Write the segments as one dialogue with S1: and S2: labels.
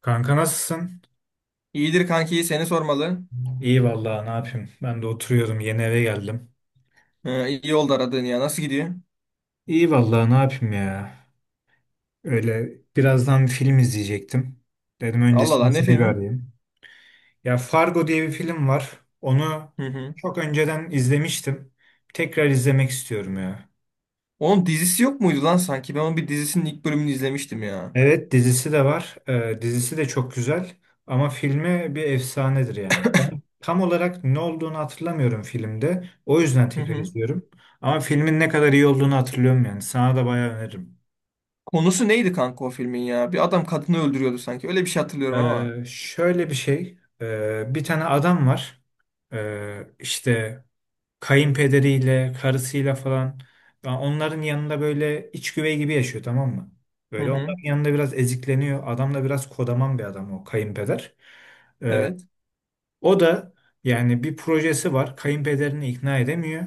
S1: Kanka nasılsın?
S2: İyidir kanki seni sormalı.
S1: İyi vallahi ne yapayım? Ben de oturuyordum, yeni eve geldim.
S2: Ha, iyi oldu aradığın ya. Nasıl gidiyor?
S1: İyi vallahi ne yapayım ya? Öyle birazdan bir film izleyecektim. Dedim
S2: Allah Allah
S1: öncesini
S2: ne
S1: seni bir
S2: filmi?
S1: arayayım. Ya Fargo diye bir film var. Onu
S2: Hı hı.
S1: çok önceden izlemiştim. Tekrar izlemek istiyorum ya.
S2: Onun dizisi yok muydu lan sanki? Ben onun bir dizisinin ilk bölümünü izlemiştim ya.
S1: Evet, dizisi de var. Dizisi de çok güzel ama filmi bir efsanedir yani. Ben tam olarak ne olduğunu hatırlamıyorum filmde. O yüzden
S2: Hı
S1: tekrar
S2: hı.
S1: izliyorum. Ama filmin ne kadar iyi olduğunu hatırlıyorum yani. Sana da bayağı öneririm.
S2: Konusu neydi kanka o filmin ya? Bir adam kadını öldürüyordu sanki. Öyle bir şey hatırlıyorum ama.
S1: Şöyle bir şey. Bir tane adam var. İşte kayınpederiyle, karısıyla falan. Ya onların yanında böyle iç güvey gibi yaşıyor, tamam mı?
S2: Hı
S1: Böyle
S2: hı.
S1: onların yanında biraz ezikleniyor. Adam da biraz kodaman bir adam, o kayınpeder. Ee,
S2: Evet.
S1: O da yani bir projesi var. Kayınpederini ikna edemiyor.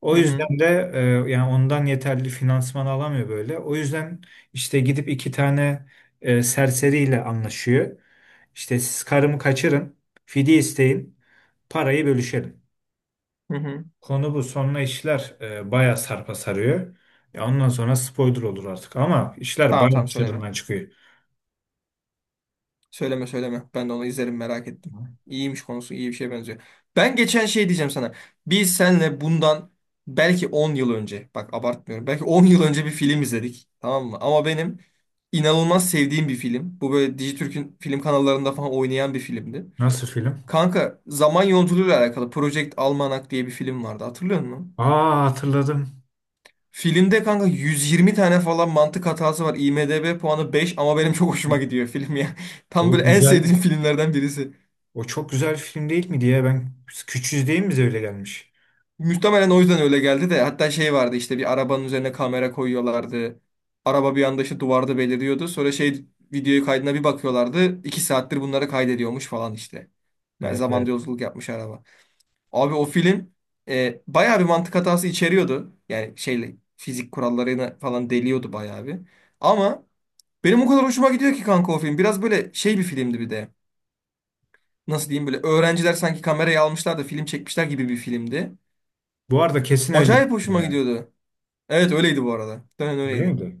S1: O
S2: Hı hı.
S1: yüzden de yani ondan yeterli finansman alamıyor böyle. O yüzden işte gidip iki tane serseriyle anlaşıyor. İşte siz karımı kaçırın, fidye isteyin, parayı bölüşelim.
S2: Hı hı.
S1: Konu bu. Sonra işler bayağı sarpa sarıyor. Ya ondan sonra spoiler olur artık ama işler
S2: Tamam
S1: bayağı
S2: tamam, söyleme.
S1: çığırından çıkıyor.
S2: Söyleme söyleme. Ben de onu izlerim, merak ettim. İyiymiş, konusu iyi bir şeye benziyor. Ben geçen şey diyeceğim sana. Biz senle bundan belki 10 yıl önce, bak abartmıyorum, belki 10 yıl önce bir film izledik. Tamam mı? Ama benim inanılmaz sevdiğim bir film. Bu böyle Dijitürk'ün film kanallarında falan oynayan bir filmdi.
S1: Nasıl film?
S2: Kanka, zaman yolculuğuyla alakalı Project Almanac diye bir film vardı. Hatırlıyor musun?
S1: Aa, hatırladım.
S2: Filmde kanka 120 tane falan mantık hatası var. IMDb puanı 5 ama benim çok hoşuma gidiyor film ya. Tam
S1: O
S2: böyle en
S1: güzel.
S2: sevdiğim filmlerden birisi.
S1: O çok güzel bir film değil mi diye, ben küçüğüz değil mi, bize öyle gelmiş.
S2: Muhtemelen o yüzden öyle geldi de, hatta şey vardı işte, bir arabanın üzerine kamera koyuyorlardı. Araba bir anda işte duvarda beliriyordu. Sonra şey, videoyu kaydına bir bakıyorlardı. 2 saattir bunları kaydediyormuş falan işte. Ben
S1: Evet,
S2: zamanda
S1: evet.
S2: yolculuk yapmış araba. Abi o film bayağı bir mantık hatası içeriyordu. Yani şeyle fizik kurallarını falan deliyordu bayağı bir. Ama benim o kadar hoşuma gidiyor ki kanka o film. Biraz böyle şey bir filmdi bir de. Nasıl diyeyim, böyle öğrenciler sanki kamerayı almışlar da film çekmişler gibi bir filmdi.
S1: Bu arada kesin öyle bir
S2: Acayip
S1: film
S2: hoşuma
S1: yani.
S2: gidiyordu. Evet öyleydi bu arada. Muhtemelen
S1: Öyle
S2: öyleydi.
S1: miydi?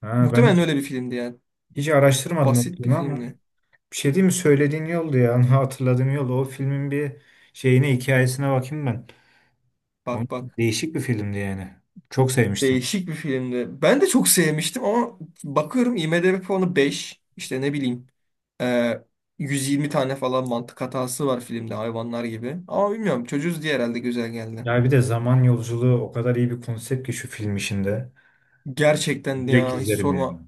S1: Ha, Ben
S2: Muhtemelen
S1: hiç,
S2: öyle bir filmdi yani.
S1: hiç araştırmadım o
S2: Basit bir
S1: filmi ama
S2: filmdi.
S1: bir şey değil mi, söylediğin yoldu ya, hatırladığım yoldu. O filmin bir şeyine, hikayesine bakayım ben. O
S2: Bak bak.
S1: değişik bir filmdi yani. Çok sevmiştim.
S2: Değişik bir filmdi. Ben de çok sevmiştim ama bakıyorum IMDb puanı 5. İşte ne bileyim. e, 120 tane falan mantık hatası var filmde hayvanlar gibi. Ama bilmiyorum, çocuğuz diye herhalde güzel geldi.
S1: Ya bir de zaman yolculuğu o kadar iyi bir konsept ki şu film işinde.
S2: Gerçekten
S1: Direkt
S2: ya, hiç
S1: izlerim yani.
S2: sorma.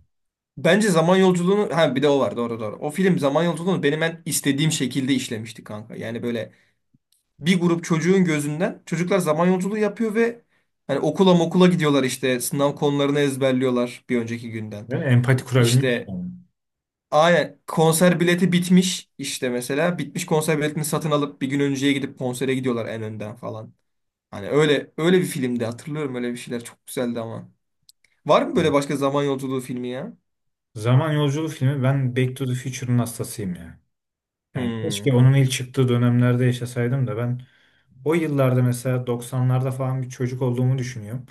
S2: Bence zaman yolculuğunu, ha bir de o var, doğru doğru. O film zaman yolculuğunu benim en istediğim şekilde işlemişti kanka. Yani böyle bir grup çocuğun gözünden çocuklar zaman yolculuğu yapıyor ve hani okula mokula gidiyorlar, işte sınav konularını ezberliyorlar bir önceki günden.
S1: Değil mi? Empati kurabilmiş
S2: İşte
S1: yani.
S2: aynen, konser bileti bitmiş işte mesela, bitmiş konser biletini satın alıp bir gün önceye gidip konsere gidiyorlar en önden falan. Hani öyle öyle bir filmdi hatırlıyorum, öyle bir şeyler çok güzeldi ama. Var mı böyle
S1: Evet.
S2: başka zaman yolculuğu filmi ya?
S1: Zaman yolculuğu filmi, ben Back to the Future'ın hastasıyım ya. Yani keşke
S2: Hmm,
S1: onun ilk çıktığı dönemlerde yaşasaydım da ben o yıllarda, mesela 90'larda falan bir çocuk olduğumu düşünüyorum.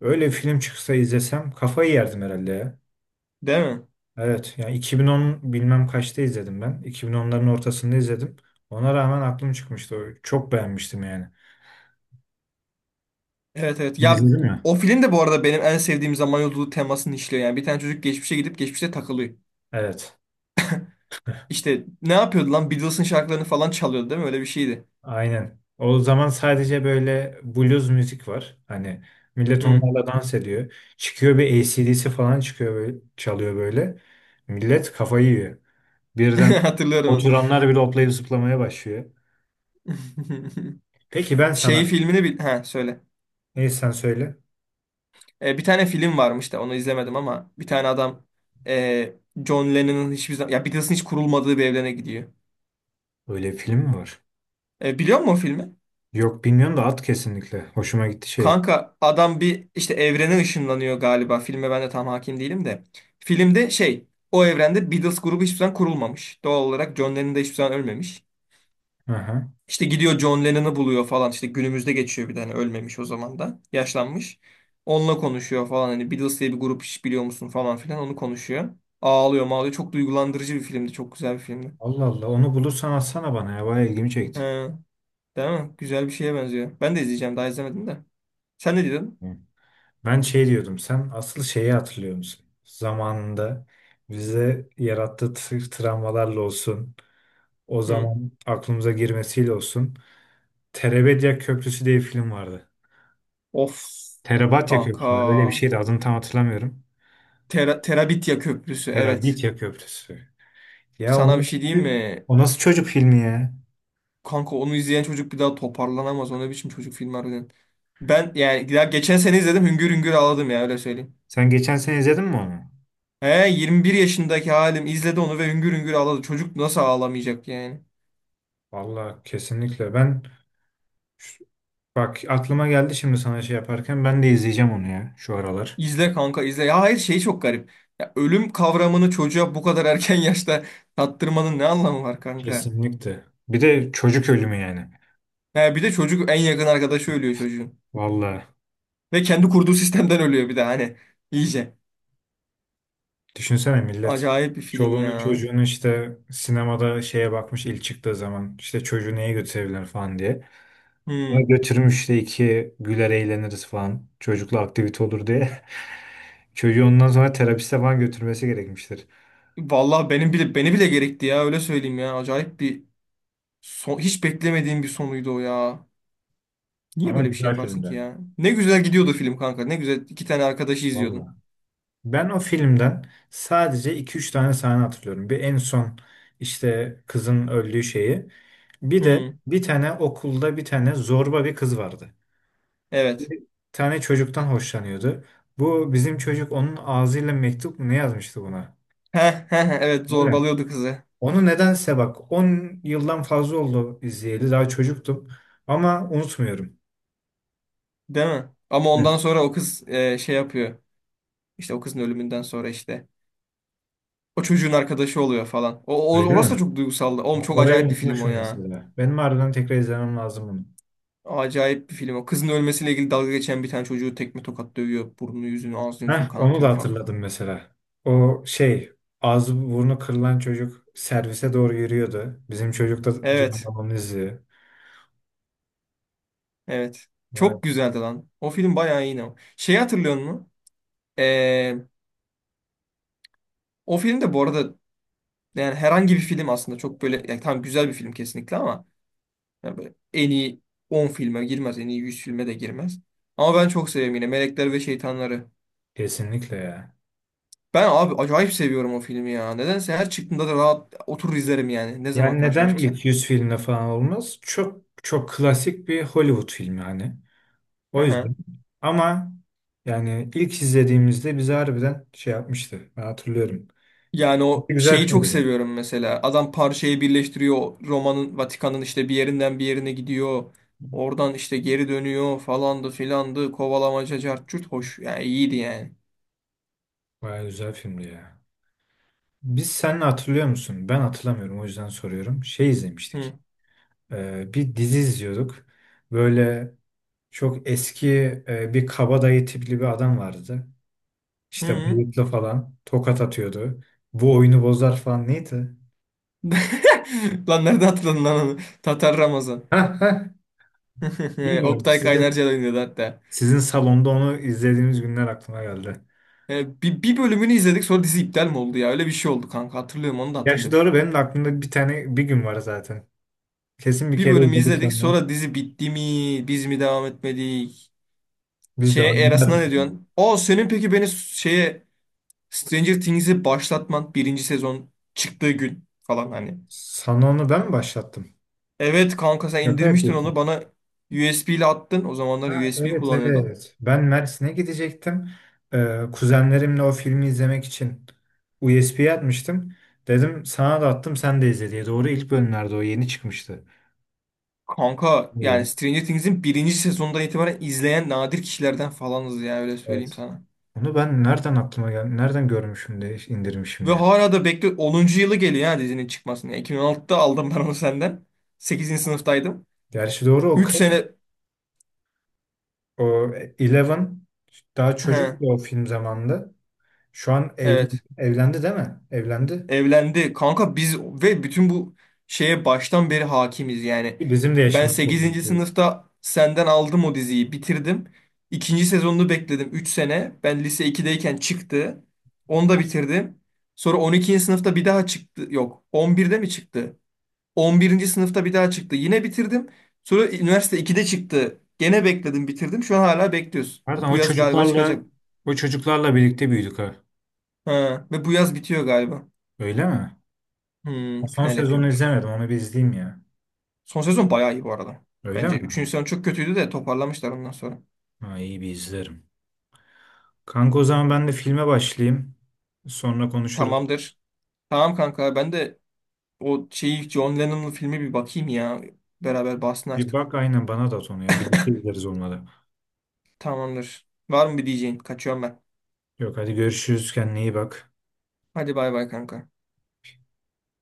S1: Öyle bir film çıksa izlesem kafayı yerdim herhalde ya.
S2: değil mi?
S1: Evet yani 2010 bilmem kaçta izledim ben. 2010'ların ortasında izledim. Ona rağmen aklım çıkmıştı. Çok beğenmiştim yani.
S2: Evet evet. Ya,
S1: İzledin mi?
S2: o film de bu arada benim en sevdiğim zaman yolculuğu temasını işliyor. Yani bir tane çocuk geçmişe gidip geçmişte takılıyor.
S1: Evet.
S2: İşte ne yapıyordu lan? Beatles'ın şarkılarını falan çalıyordu değil mi? Öyle bir şeydi.
S1: Aynen. O zaman sadece böyle blues müzik var. Hani millet
S2: Hı.
S1: onlarla dans ediyor. Çıkıyor bir A C/D C D dc falan, çıkıyor böyle, çalıyor böyle. Millet kafayı yiyor. Birden
S2: Hatırlıyorum onu.
S1: oturanlar bile hoplayıp zıplamaya başlıyor. Peki ben
S2: Şey
S1: sana.
S2: filmini bil... Ha, söyle.
S1: Neyse sen söyle.
S2: E, bir tane film varmış da onu izlemedim ama bir tane adam e, John Lennon'ın hiçbir zaman... Ya, Beatles'ın hiç kurulmadığı bir evrene gidiyor.
S1: Öyle film mi var?
S2: E, biliyor musun o filmi?
S1: Yok bilmiyorum da at kesinlikle. Hoşuma gitti şey.
S2: Kanka, adam bir işte evrene ışınlanıyor galiba. Filme ben de tam hakim değilim de. Filmde şey, o evrende Beatles grubu hiçbir zaman kurulmamış. Doğal olarak John Lennon da hiçbir zaman ölmemiş.
S1: Aha.
S2: İşte gidiyor, John Lennon'ı buluyor falan. İşte günümüzde geçiyor, bir tane ölmemiş o zaman da. Yaşlanmış. Onunla konuşuyor falan. Hani Beatles diye bir grup hiç biliyor musun falan filan, onu konuşuyor. Ağlıyor mağlıyor. Çok duygulandırıcı bir filmdi. Çok güzel bir filmdi.
S1: Allah Allah, onu bulursan atsana bana ya. Bayağı ilgimi
S2: He,
S1: çekti.
S2: değil mi? Güzel bir şeye benziyor. Ben de izleyeceğim. Daha izlemedim de. Sen ne diyordun?
S1: Hı. Ben şey diyordum. Sen asıl şeyi hatırlıyor musun? Zamanında bize yarattığı travmalarla olsun, o
S2: Hı.
S1: zaman aklımıza girmesiyle olsun. Terebedya Köprüsü diye bir film vardı.
S2: Of
S1: Terabatya Köprüsü mü? Öyle bir
S2: kanka.
S1: şeydi, adını tam hatırlamıyorum.
S2: Terabitya Köprüsü. Evet.
S1: Terabitya Köprüsü. Ya o
S2: Sana bir
S1: nasıl,
S2: şey diyeyim mi?
S1: o nasıl çocuk filmi ya?
S2: Kanka, onu izleyen çocuk bir daha toparlanamaz. O ne biçim çocuk filmi harbiden. Ben yani daha geçen sene izledim. Hüngür hüngür ağladım ya, öyle söyleyeyim.
S1: Sen geçen sene izledin mi onu?
S2: He, 21 yaşındaki halim izledi onu ve hüngür hüngür ağladı. Çocuk nasıl ağlamayacak yani?
S1: Vallahi kesinlikle. Ben şu- bak, aklıma geldi şimdi, sana şey yaparken ben de izleyeceğim onu ya şu aralar.
S2: İzle kanka, izle. Ya hayır, şey çok garip. Ya ölüm kavramını çocuğa bu kadar erken yaşta tattırmanın ne anlamı var kanka?
S1: Kesinlikle. Bir de çocuk ölümü yani.
S2: He, bir de çocuk, en yakın arkadaşı ölüyor çocuğun.
S1: Vallahi.
S2: Ve kendi kurduğu sistemden ölüyor bir de hani. İyice.
S1: Düşünsene, millet
S2: Acayip bir film
S1: çoluğunu
S2: ya.
S1: çocuğunu işte sinemada şeye bakmış, ilk çıktığı zaman işte çocuğu neye götürebilir falan diye. Ona
S2: Hmm.
S1: götürmüş işte, iki güler eğleniriz falan, çocukla aktivite olur diye. Çocuğu ondan sonra terapiste falan götürmesi gerekmiştir.
S2: Vallahi benim bile, beni bile gerekti ya, öyle söyleyeyim ya. Acayip bir son, hiç beklemediğim bir sonuydu o ya. Niye
S1: Ama
S2: böyle bir şey
S1: güzel
S2: yaparsın ki
S1: filmde.
S2: ya? Ne güzel gidiyordu film kanka. Ne güzel iki tane arkadaşı izliyordun.
S1: Valla. Ben o filmden sadece iki üç tane sahne hatırlıyorum. Bir, en son işte kızın öldüğü şeyi. Bir de
S2: Hmm,
S1: bir tane okulda bir tane zorba bir kız vardı.
S2: evet.
S1: Bir tane çocuktan hoşlanıyordu. Bu bizim çocuk onun ağzıyla mektup mu ne yazmıştı buna?
S2: Heh, heh, heh, evet,
S1: Değil mi?
S2: zorbalıyordu kızı.
S1: Onu nedense, bak, 10 yıldan fazla oldu izleyeli. Daha çocuktum. Ama unutmuyorum.
S2: Değil mi? Ama ondan
S1: Evet,
S2: sonra o kız şey yapıyor. İşte o kızın ölümünden sonra işte. O çocuğun arkadaşı oluyor falan. O, o-
S1: öyle
S2: orası da
S1: mi?
S2: çok duygusaldı. Oğlum,
S1: Bak,
S2: çok
S1: orayı
S2: acayip bir film o
S1: unutmuşum
S2: ya.
S1: mesela. Benim harbiden tekrar izlemem lazım bunu.
S2: Acayip bir film o. Kızın ölmesiyle ilgili dalga geçen bir tane çocuğu tekme tokat dövüyor. Burnunu yüzünü, ağzını yüzünü
S1: Heh, onu da
S2: kanatıyor falan.
S1: hatırladım mesela. O şey, ağzı burnu kırılan çocuk servise doğru yürüyordu. Bizim çocuk da
S2: Evet.
S1: canavarını izliyor.
S2: Evet.
S1: Vay,
S2: Çok güzeldi lan. O film bayağı iyi. Şeyi hatırlıyor musun? Ee, o film de bu arada, yani herhangi bir film aslında, çok böyle yani, tam güzel bir film kesinlikle ama yani böyle en iyi 10 filme girmez, en iyi 100 filme de girmez. Ama ben çok seviyorum yine Melekler ve Şeytanlar'ı.
S1: kesinlikle ya.
S2: Ben abi acayip seviyorum o filmi ya. Nedense her çıktığında da rahat oturur izlerim yani. Ne zaman
S1: Yani
S2: karşıma
S1: neden
S2: çıksa.
S1: ilk 100 filmle falan olmaz? Çok çok klasik bir Hollywood filmi hani.
S2: Hı
S1: O yüzden.
S2: hı.
S1: Ama yani ilk izlediğimizde bizi harbiden şey yapmıştı. Ben hatırlıyorum.
S2: Yani o
S1: Güzel
S2: şeyi
S1: filmdi
S2: çok
S1: de.
S2: seviyorum mesela. Adam parçayı birleştiriyor. Roma'nın, Vatikan'ın işte bir yerinden bir yerine gidiyor. Oradan işte geri dönüyor falandı filandı. Kovalamaca cart curt hoş. Yani iyiydi yani.
S1: Bayağı güzel filmdi ya. Biz seninle hatırlıyor musun? Ben hatırlamıyorum o yüzden soruyorum. Şey
S2: Hı.
S1: izlemiştik. Bir dizi izliyorduk. Böyle çok eski bir kabadayı tipli bir adam vardı. İşte
S2: Hı.
S1: bıyıklı falan tokat atıyordu. Bu oyunu bozar falan, neydi?
S2: Lan, nerede hatırladın lan onu? Tatar Ramazan.
S1: Hah, hah. Bilmiyorum.
S2: Oktay
S1: Sizin
S2: Kaynarca da oynuyordu hatta.
S1: sizin salonda onu izlediğimiz günler aklıma geldi.
S2: Bir bölümünü izledik, sonra dizi iptal mi oldu ya? Öyle bir şey oldu kanka. Hatırlıyorum, onu da
S1: Gerçi
S2: hatırlıyorum.
S1: doğru, benim de aklımda bir tane bir gün var zaten. Kesin bir
S2: Bir
S1: kere
S2: bölümü
S1: izledik
S2: izledik,
S1: sonra.
S2: sonra dizi bitti mi? Biz mi devam etmedik?
S1: Biz de
S2: Şeye, Eras'ına ne
S1: anlardık ya.
S2: diyorsun? O senin peki beni şeye, Stranger Things'i başlatman, birinci sezon çıktığı gün falan hani.
S1: Sana onu ben mi başlattım?
S2: Evet kanka, sen
S1: Şaka
S2: indirmiştin
S1: yapıyorsun.
S2: onu bana, USB ile attın. O zamanlar
S1: Ha,
S2: USB
S1: evet,
S2: kullanıyorduk.
S1: evet. Ben Mersin'e gidecektim. Kuzenlerimle o filmi izlemek için USB'ye atmıştım. Dedim sana da attım, sen de izle diye. Doğru, ilk bölümlerde o yeni çıkmıştı.
S2: Kanka yani
S1: Evet.
S2: Stranger Things'in birinci sezondan itibaren izleyen nadir kişilerden falanız ya, öyle söyleyeyim
S1: Evet.
S2: sana.
S1: Onu ben nereden aklıma gel, nereden görmüşüm de indirmişim
S2: Ve
S1: ya.
S2: hala da bekle, 10. yılı geliyor ya dizinin çıkmasına. Yani 2016'da aldım ben onu senden. Sekizinci sınıftaydım.
S1: Gerçi doğru, o
S2: Üç
S1: kız
S2: sene
S1: o Eleven daha çocuktu
S2: He,
S1: o film zamanında. Şu an evli,
S2: evet.
S1: evlendi değil mi? Evlendi.
S2: Evlendi. Kanka biz ve bütün bu şeye baştan beri hakimiz yani.
S1: Ki bizim de
S2: Ben
S1: yaşımız çok
S2: sekizinci
S1: büyük değil.
S2: sınıfta senden aldım, o diziyi bitirdim. İkinci sezonunu bekledim 3 sene. Ben lise iki'deyken çıktı. Onu da bitirdim. Sonra 12. sınıfta bir daha çıktı. Yok, 11'de mi çıktı? 11. sınıfta bir daha çıktı. Yine bitirdim. Sonra üniversite iki'de çıktı. Gene bekledim, bitirdim. Şu an hala bekliyoruz.
S1: Pardon,
S2: Bu
S1: o
S2: yaz galiba
S1: çocuklarla
S2: çıkacak.
S1: o çocuklarla birlikte büyüdük ha.
S2: Ha. Ve bu yaz bitiyor galiba.
S1: Öyle mi?
S2: Hmm,
S1: Ha, son
S2: final
S1: sezonu
S2: yapıyormuş.
S1: izlemedim. Onu bir izleyeyim ya.
S2: Son sezon bayağı iyi bu arada.
S1: Öyle mi?
S2: Bence. Üçüncü sezon çok kötüydü de toparlamışlar ondan sonra.
S1: Ha, iyi, bir izlerim. Kanka o zaman ben de filme başlayayım. Sonra konuşuruz.
S2: Tamamdır. Tamam kanka, ben de o şeyi, John Lennon'ın filmi, bir bakayım ya. Beraber bahsini
S1: Bir
S2: açtık.
S1: bak aynen, bana da at onu ya. Birlikte izleriz onunla.
S2: Tamamdır. Var mı bir diyeceğin? Kaçıyorum ben.
S1: Yok, hadi görüşürüz. Kendine iyi bak.
S2: Hadi bay bay kanka.